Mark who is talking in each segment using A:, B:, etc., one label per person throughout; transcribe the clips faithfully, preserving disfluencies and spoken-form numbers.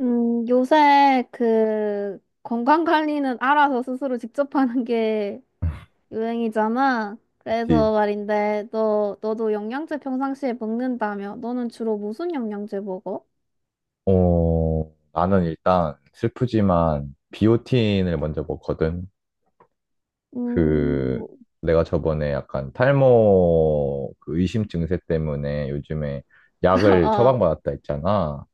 A: 음, 요새 그 건강 관리는 알아서 스스로 직접 하는 게 유행이잖아. 그래서
B: 그치.
A: 말인데, 너, 너도 영양제 평상시에 먹는다며? 너는 주로 무슨 영양제 먹어?
B: 어, 나는 일단 슬프지만 비오틴을 먼저 먹거든. 그,
A: 음.
B: 내가 저번에 약간 탈모 그 의심 증세 때문에 요즘에 약을
A: 아,
B: 처방받았다 했잖아.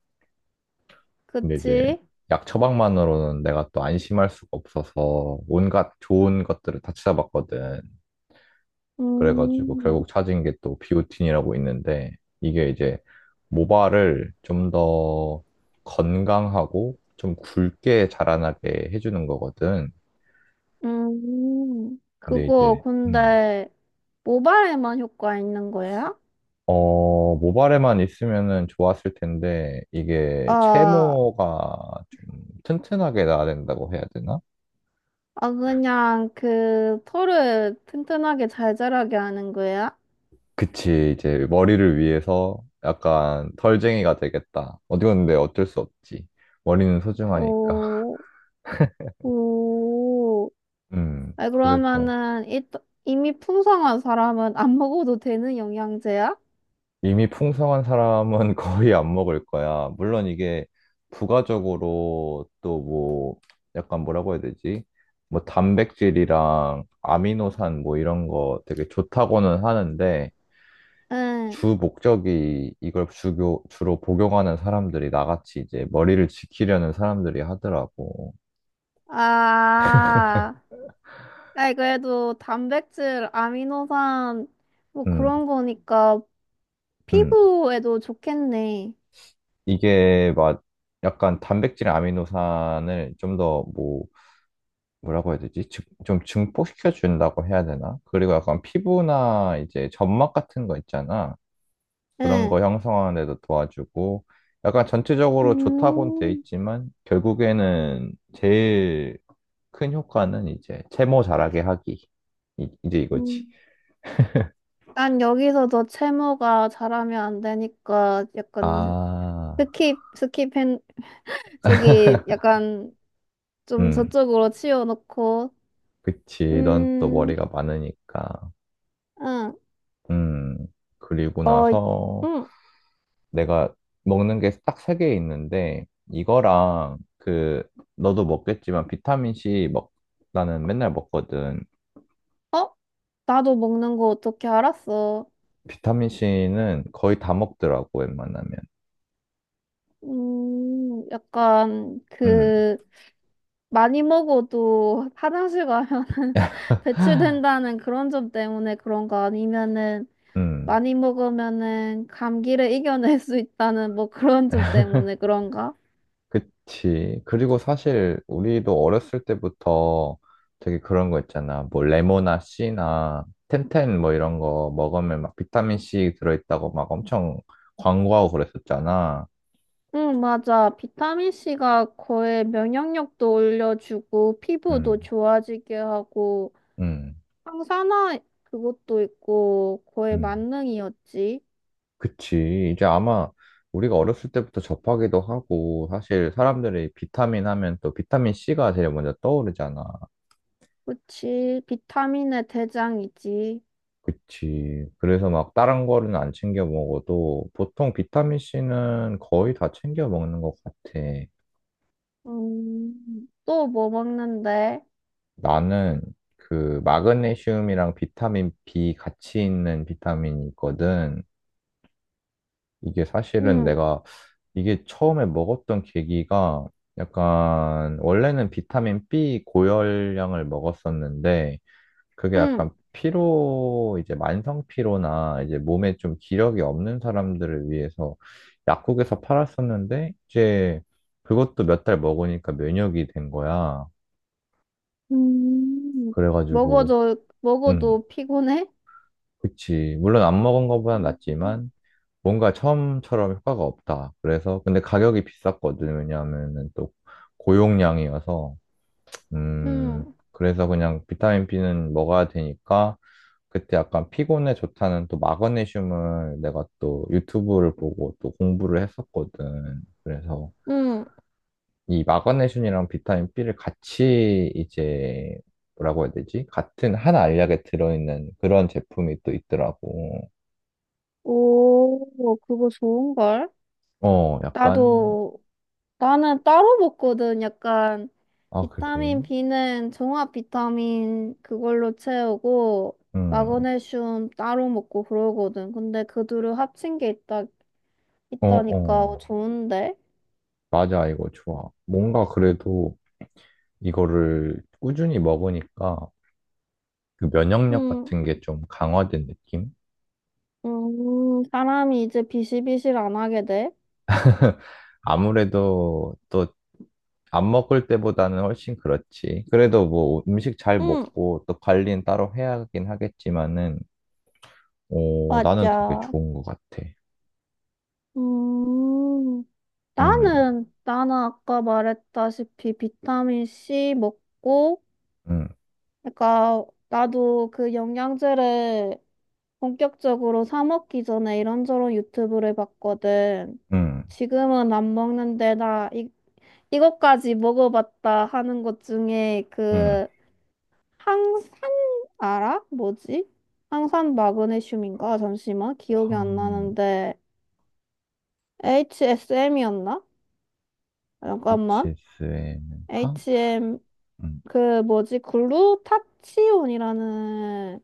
B: 근데 이제
A: 그치?
B: 약 처방만으로는 내가 또 안심할 수가 없어서 온갖 좋은 것들을 다 찾아봤거든. 그래가지고
A: 음.
B: 결국 찾은 게 또 비오틴이라고 있는데 이게 이제 모발을 좀 더 건강하고 좀 굵게 자라나게 해주는 거거든.
A: 음,
B: 근데
A: 그거
B: 이제 음.
A: 근데 모발에만 효과 있는 거야?
B: 어, 모발에만 있으면은 좋았을 텐데 이게
A: 아.
B: 채모가 좀 튼튼하게 나야 된다고 해야 되나?
A: 아, 그냥 그 털을 튼튼하게 잘 자라게 하는 거야?
B: 그치, 이제 머리를 위해서 약간 덜쟁이가 되겠다. 어디 갔는데 어쩔 수 없지. 머리는 소중하니까.
A: 오. 오,
B: 음,
A: 아,
B: 그래서
A: 그러면은 일, 이미 풍성한 사람은 안 먹어도 되는 영양제야?
B: 이미 풍성한 사람은 거의 안 먹을 거야. 물론 이게 부가적으로 또 뭐 약간 뭐라고 해야 되지? 뭐 단백질이랑 아미노산 뭐 이런 거 되게 좋다고는 하는데
A: 응.
B: 주 목적이 이걸 주교, 주로 복용하는 사람들이 나같이 이제 머리를 지키려는 사람들이 하더라고.
A: 아, 아이 그래도 단백질, 아미노산 뭐
B: 음.
A: 그런 거니까
B: 음.
A: 피부에도 좋겠네.
B: 이게 막 약간 단백질 아미노산을 좀더뭐 뭐라고 해야 되지? 증- 좀 증폭시켜 준다고 해야 되나? 그리고 약간 피부나 이제 점막 같은 거 있잖아. 그런
A: 응.
B: 거 형성하는 데도 도와주고 약간 전체적으로 좋다고는 돼
A: 음.
B: 있지만 결국에는 제일 큰 효과는 이제 채모 자라게 하기. 이, 이제 이거지.
A: 음. 난 여기서도 채모가 잘하면 안 되니까 약간
B: 아.
A: 스킵 스킵한 저기 약간 좀
B: 음,
A: 저쪽으로 치워놓고.
B: 그치. 넌 또
A: 음.
B: 머리가 많으니까.
A: 응.
B: 음, 그리고
A: 어.
B: 나서
A: 응.
B: 내가 먹는 게 딱 세 개 있는데 이거랑 그 너도 먹겠지만 비타민 C 먹 나는 맨날 먹거든.
A: 어? 나도 먹는 거 어떻게 알았어?
B: 비타민 C는 거의 다 먹더라고 웬만하면.
A: 음, 약간,
B: 음,
A: 그, 많이 먹어도 화장실 가면 배출된다는 그런 점 때문에 그런가? 아니면은,
B: 음,
A: 많이 먹으면은 감기를 이겨낼 수 있다는 뭐 그런 점 때문에 그런가?
B: 그치. 그리고 사실 우리도 어렸을 때부터 되게 그런 거 있잖아. 뭐 레모나 C나 텐텐 뭐 이런 거 먹으면 막 비타민 C 들어있다고 막 엄청 광고하고 그랬었잖아.
A: 응, 맞아. 비타민 씨가 거의 면역력도 올려주고, 피부도
B: 음,
A: 좋아지게 하고,
B: 음,
A: 항산화 그것도 있고 거의
B: 음.
A: 만능이었지.
B: 그치. 이제 아마 우리가 어렸을 때부터 접하기도 하고, 사실 사람들이 비타민 하면 또 비타민 C가 제일 먼저 떠오르잖아.
A: 그치. 비타민의 대장이지.
B: 그치. 그래서 막 다른 거는 안 챙겨 먹어도 보통 비타민 C는 거의 다 챙겨 먹는 것 같아.
A: 음, 또 뭐 먹는데?
B: 나는 그 마그네슘이랑 비타민 B 같이 있는 비타민이 있거든. 이게 사실은
A: 응.
B: 내가 이게 처음에 먹었던 계기가 약간 원래는 비타민 B 고열량을 먹었었는데 그게
A: 응.
B: 약간 피로 이제 만성 피로나 이제 몸에 좀 기력이 없는 사람들을 위해서 약국에서 팔았었는데 이제 그것도 몇 달 먹으니까 면역이 된 거야.
A: 음.
B: 그래가지고
A: 먹어도,
B: 응.
A: 먹어도 피곤해?
B: 그치. 물론 안 먹은 것보단
A: 음.
B: 낫지만 뭔가 처음처럼 효과가 없다. 그래서, 근데 가격이 비쌌거든. 왜냐하면은 또 고용량이어서, 음,
A: 응.
B: 그래서 그냥 비타민 B는 먹어야 되니까, 그때 약간 피곤에 좋다는 또 마그네슘을 내가 또 유튜브를 보고 또 공부를 했었거든. 그래서
A: 응.
B: 이 마그네슘이랑 비타민 B를 같이 이제, 뭐라고 해야 되지? 같은 한 알약에 들어있는 그런 제품이 또 있더라고.
A: 오, 그거 좋은걸?
B: 어, 약간,
A: 나도 나는 따로 먹거든. 약간
B: 아,
A: 비타민
B: 그래?
A: B는 종합 비타민 그걸로 채우고
B: 음.
A: 마그네슘 따로 먹고 그러거든. 근데 그 둘을 합친 게 있다
B: 어,
A: 있다니까
B: 어.
A: 좋은데.
B: 맞아, 이거 좋아. 뭔가 그래도 이거를 꾸준히 먹으니까 그 면역력
A: 응.
B: 같은 게 좀 강화된 느낌?
A: 음, 사람이 이제 비실비실 안 하게 돼.
B: 아무래도 또 안 먹을 때보다는 훨씬 그렇지. 그래도 뭐 음식 잘
A: 응,
B: 먹고 또 관리는 따로 해야 하긴 하겠지만은, 오, 나는 되게
A: 맞아.
B: 좋은 것 같아.
A: 음,
B: 음,
A: 나는, 나는 아까 말했다시피 비타민 씨 먹고,
B: 음,
A: 그러니까 나도 그 영양제를 본격적으로 사 먹기 전에 이런저런 유튜브를 봤거든.
B: 음,
A: 지금은 안 먹는데 나 이, 이것까지 먹어봤다 하는 것 중에
B: 음.
A: 그 항산 알아? 뭐지? 항산 마그네슘인가? 잠시만 기억이 안
B: 황,
A: 나는데 에이치에스엠이었나? 잠깐만
B: 에이치에스엠, 황,
A: 에이치엠
B: 음,
A: 그 뭐지 글루타치온이라는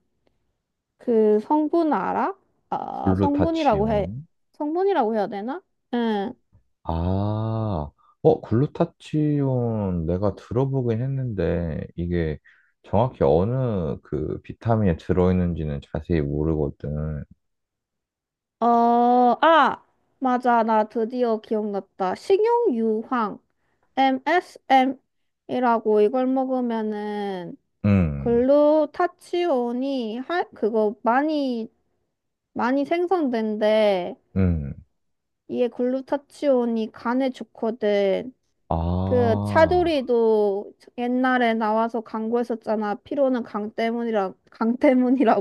A: 그 성분 알아? 아 성분이라고 해
B: 글루타치온.
A: 성분이라고 해야 되나? 응.
B: 아, 어, 글루타치온 내가 들어보긴 했는데 이게 정확히 어느 그 비타민에 들어있는지는 자세히 모르거든.
A: 어. 아, 맞아. 나 드디어 기억났다. 식용유황, 엠에스엠이라고 이걸 먹으면은
B: 음,
A: 글루타치온이 하, 그거 많이, 많이 생성된대.
B: 음.
A: 이게 글루타치온이 간에 좋거든. 그
B: 아,
A: 차두리도 옛날에 나와서 광고했었잖아. 피로는 강 때문이라, 강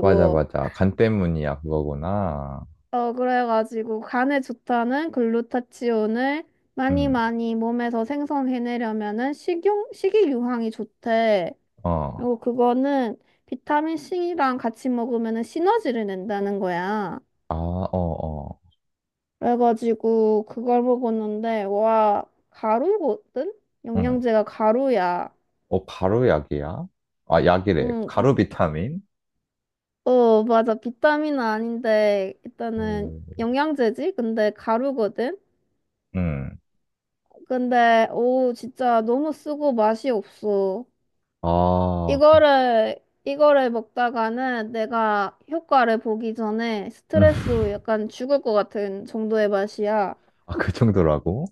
B: 맞아, 맞아. 간 때문이야, 그거구나.
A: 어, 그래가지고 간에 좋다는 글루타치온을 많이
B: 음,
A: 많이 몸에서 생성해내려면은 식용, 식이유황이 좋대.
B: 어.
A: 그리고 그거는 비타민 씨랑 같이 먹으면은 시너지를 낸다는 거야.
B: 아, 어, 어.
A: 그래가지고 그걸 먹었는데, 와, 가루거든?
B: 응.
A: 영양제가 가루야.
B: 어, 가루 약이야? 아, 약이래.
A: 응.
B: 가루 비타민?
A: 어, 맞아. 비타민은 아닌데, 일단은
B: 음,
A: 영양제지? 근데 가루거든?
B: 음.
A: 근데 오 진짜 너무 쓰고 맛이 없어.
B: 아, 그,
A: 이거를 이거를 먹다가는 내가 효과를 보기 전에
B: 음.
A: 스트레스로 약간 죽을 것 같은 정도의 맛이야.
B: 아, 그 정도라고?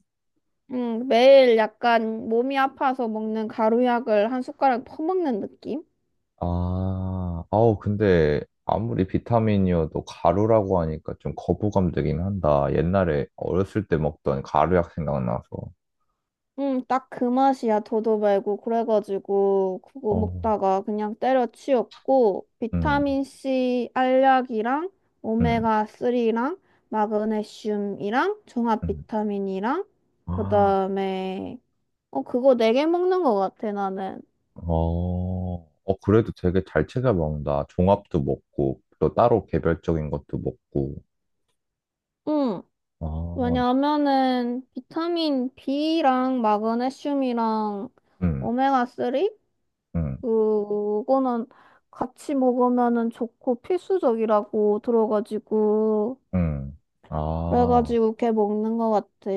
A: 음, 매일 약간 몸이 아파서 먹는 가루약을 한 숟가락 퍼먹는 느낌?
B: 아, 아우, 근데 아무리 비타민이어도 가루라고 하니까 좀 거부감 되긴 한다. 옛날에 어렸을 때 먹던 가루약 생각나서.
A: 응, 딱 그 맛이야, 도도 말고. 그래가지고, 그거
B: 어,
A: 먹다가 그냥 때려치웠고,
B: 음,
A: 비타민 씨 알약이랑,
B: 음,
A: 오메가삼이랑, 마그네슘이랑, 종합
B: 음.
A: 비타민이랑, 그
B: 아,
A: 다음에, 어, 그거 네 개 먹는 것 같아, 나는.
B: 어, 어, 그래도 되게 잘 챙겨 먹는다. 종합도 먹고, 또 따로 개별적인 것도 먹고.
A: 응,
B: 아,
A: 왜냐면은, 비타민 비랑, 마그네슘이랑,
B: 음,
A: 오메가삼?
B: 음,
A: 그거는 같이 먹으면은 좋고 필수적이라고 들어가지고
B: 음. 아,
A: 그래가지고 걔 먹는 것 같아.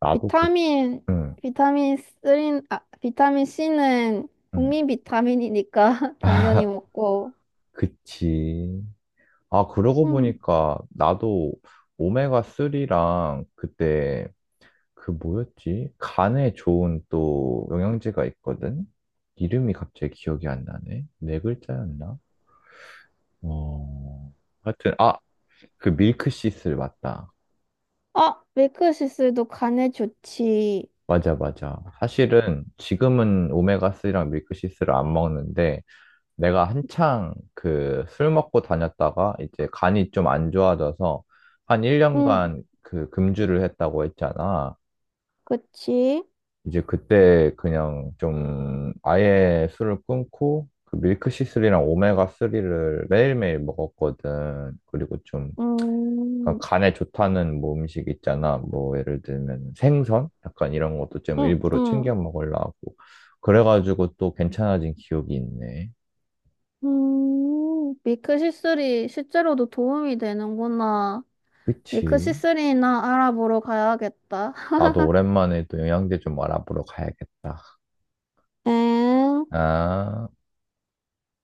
B: 나도 그,
A: 비타민
B: 음,
A: 비타민 삼, 아 비타민 씨는
B: 음.
A: 국민 비타민이니까 당연히 먹고.
B: 그치. 아, 그러고
A: 음.
B: 보니까 나도 오메가삼이랑 그때 그 뭐였지? 간에 좋은 또 영양제가 있거든? 이름이 갑자기 기억이 안 나네. 네 글자였나? 어, 하여튼, 아, 그 밀크시슬 맞다.
A: 아 밀크시슬도 간에 좋지.
B: 맞아, 맞아. 사실은 지금은 오메가삼이랑 밀크시슬을 안 먹는데 내가 한창 그 술 먹고 다녔다가 이제 간이 좀 안 좋아져서 한
A: 응,
B: 일 년간 그 금주를 했다고 했잖아.
A: 그치?
B: 이제 그때 그냥 좀 아예 술을 끊고 그 밀크시슬이랑 오메가삼을 매일매일 먹었거든. 그리고 좀 약간
A: 음.
B: 간에 좋다는 뭐 음식 있잖아. 뭐 예를 들면 생선? 약간 이런 것도 좀
A: 응.
B: 일부러 챙겨
A: 응.
B: 먹으려고. 그래가지고 또 괜찮아진 기억이 있네.
A: 음, 밀크시슬이 실제로도 도움이 되는구나. 미크
B: 그치?
A: 시스리나 알아보러 가야겠다.
B: 나도 오랜만에 또 영양제 좀 알아보러 가야겠다.
A: 엥?
B: 아.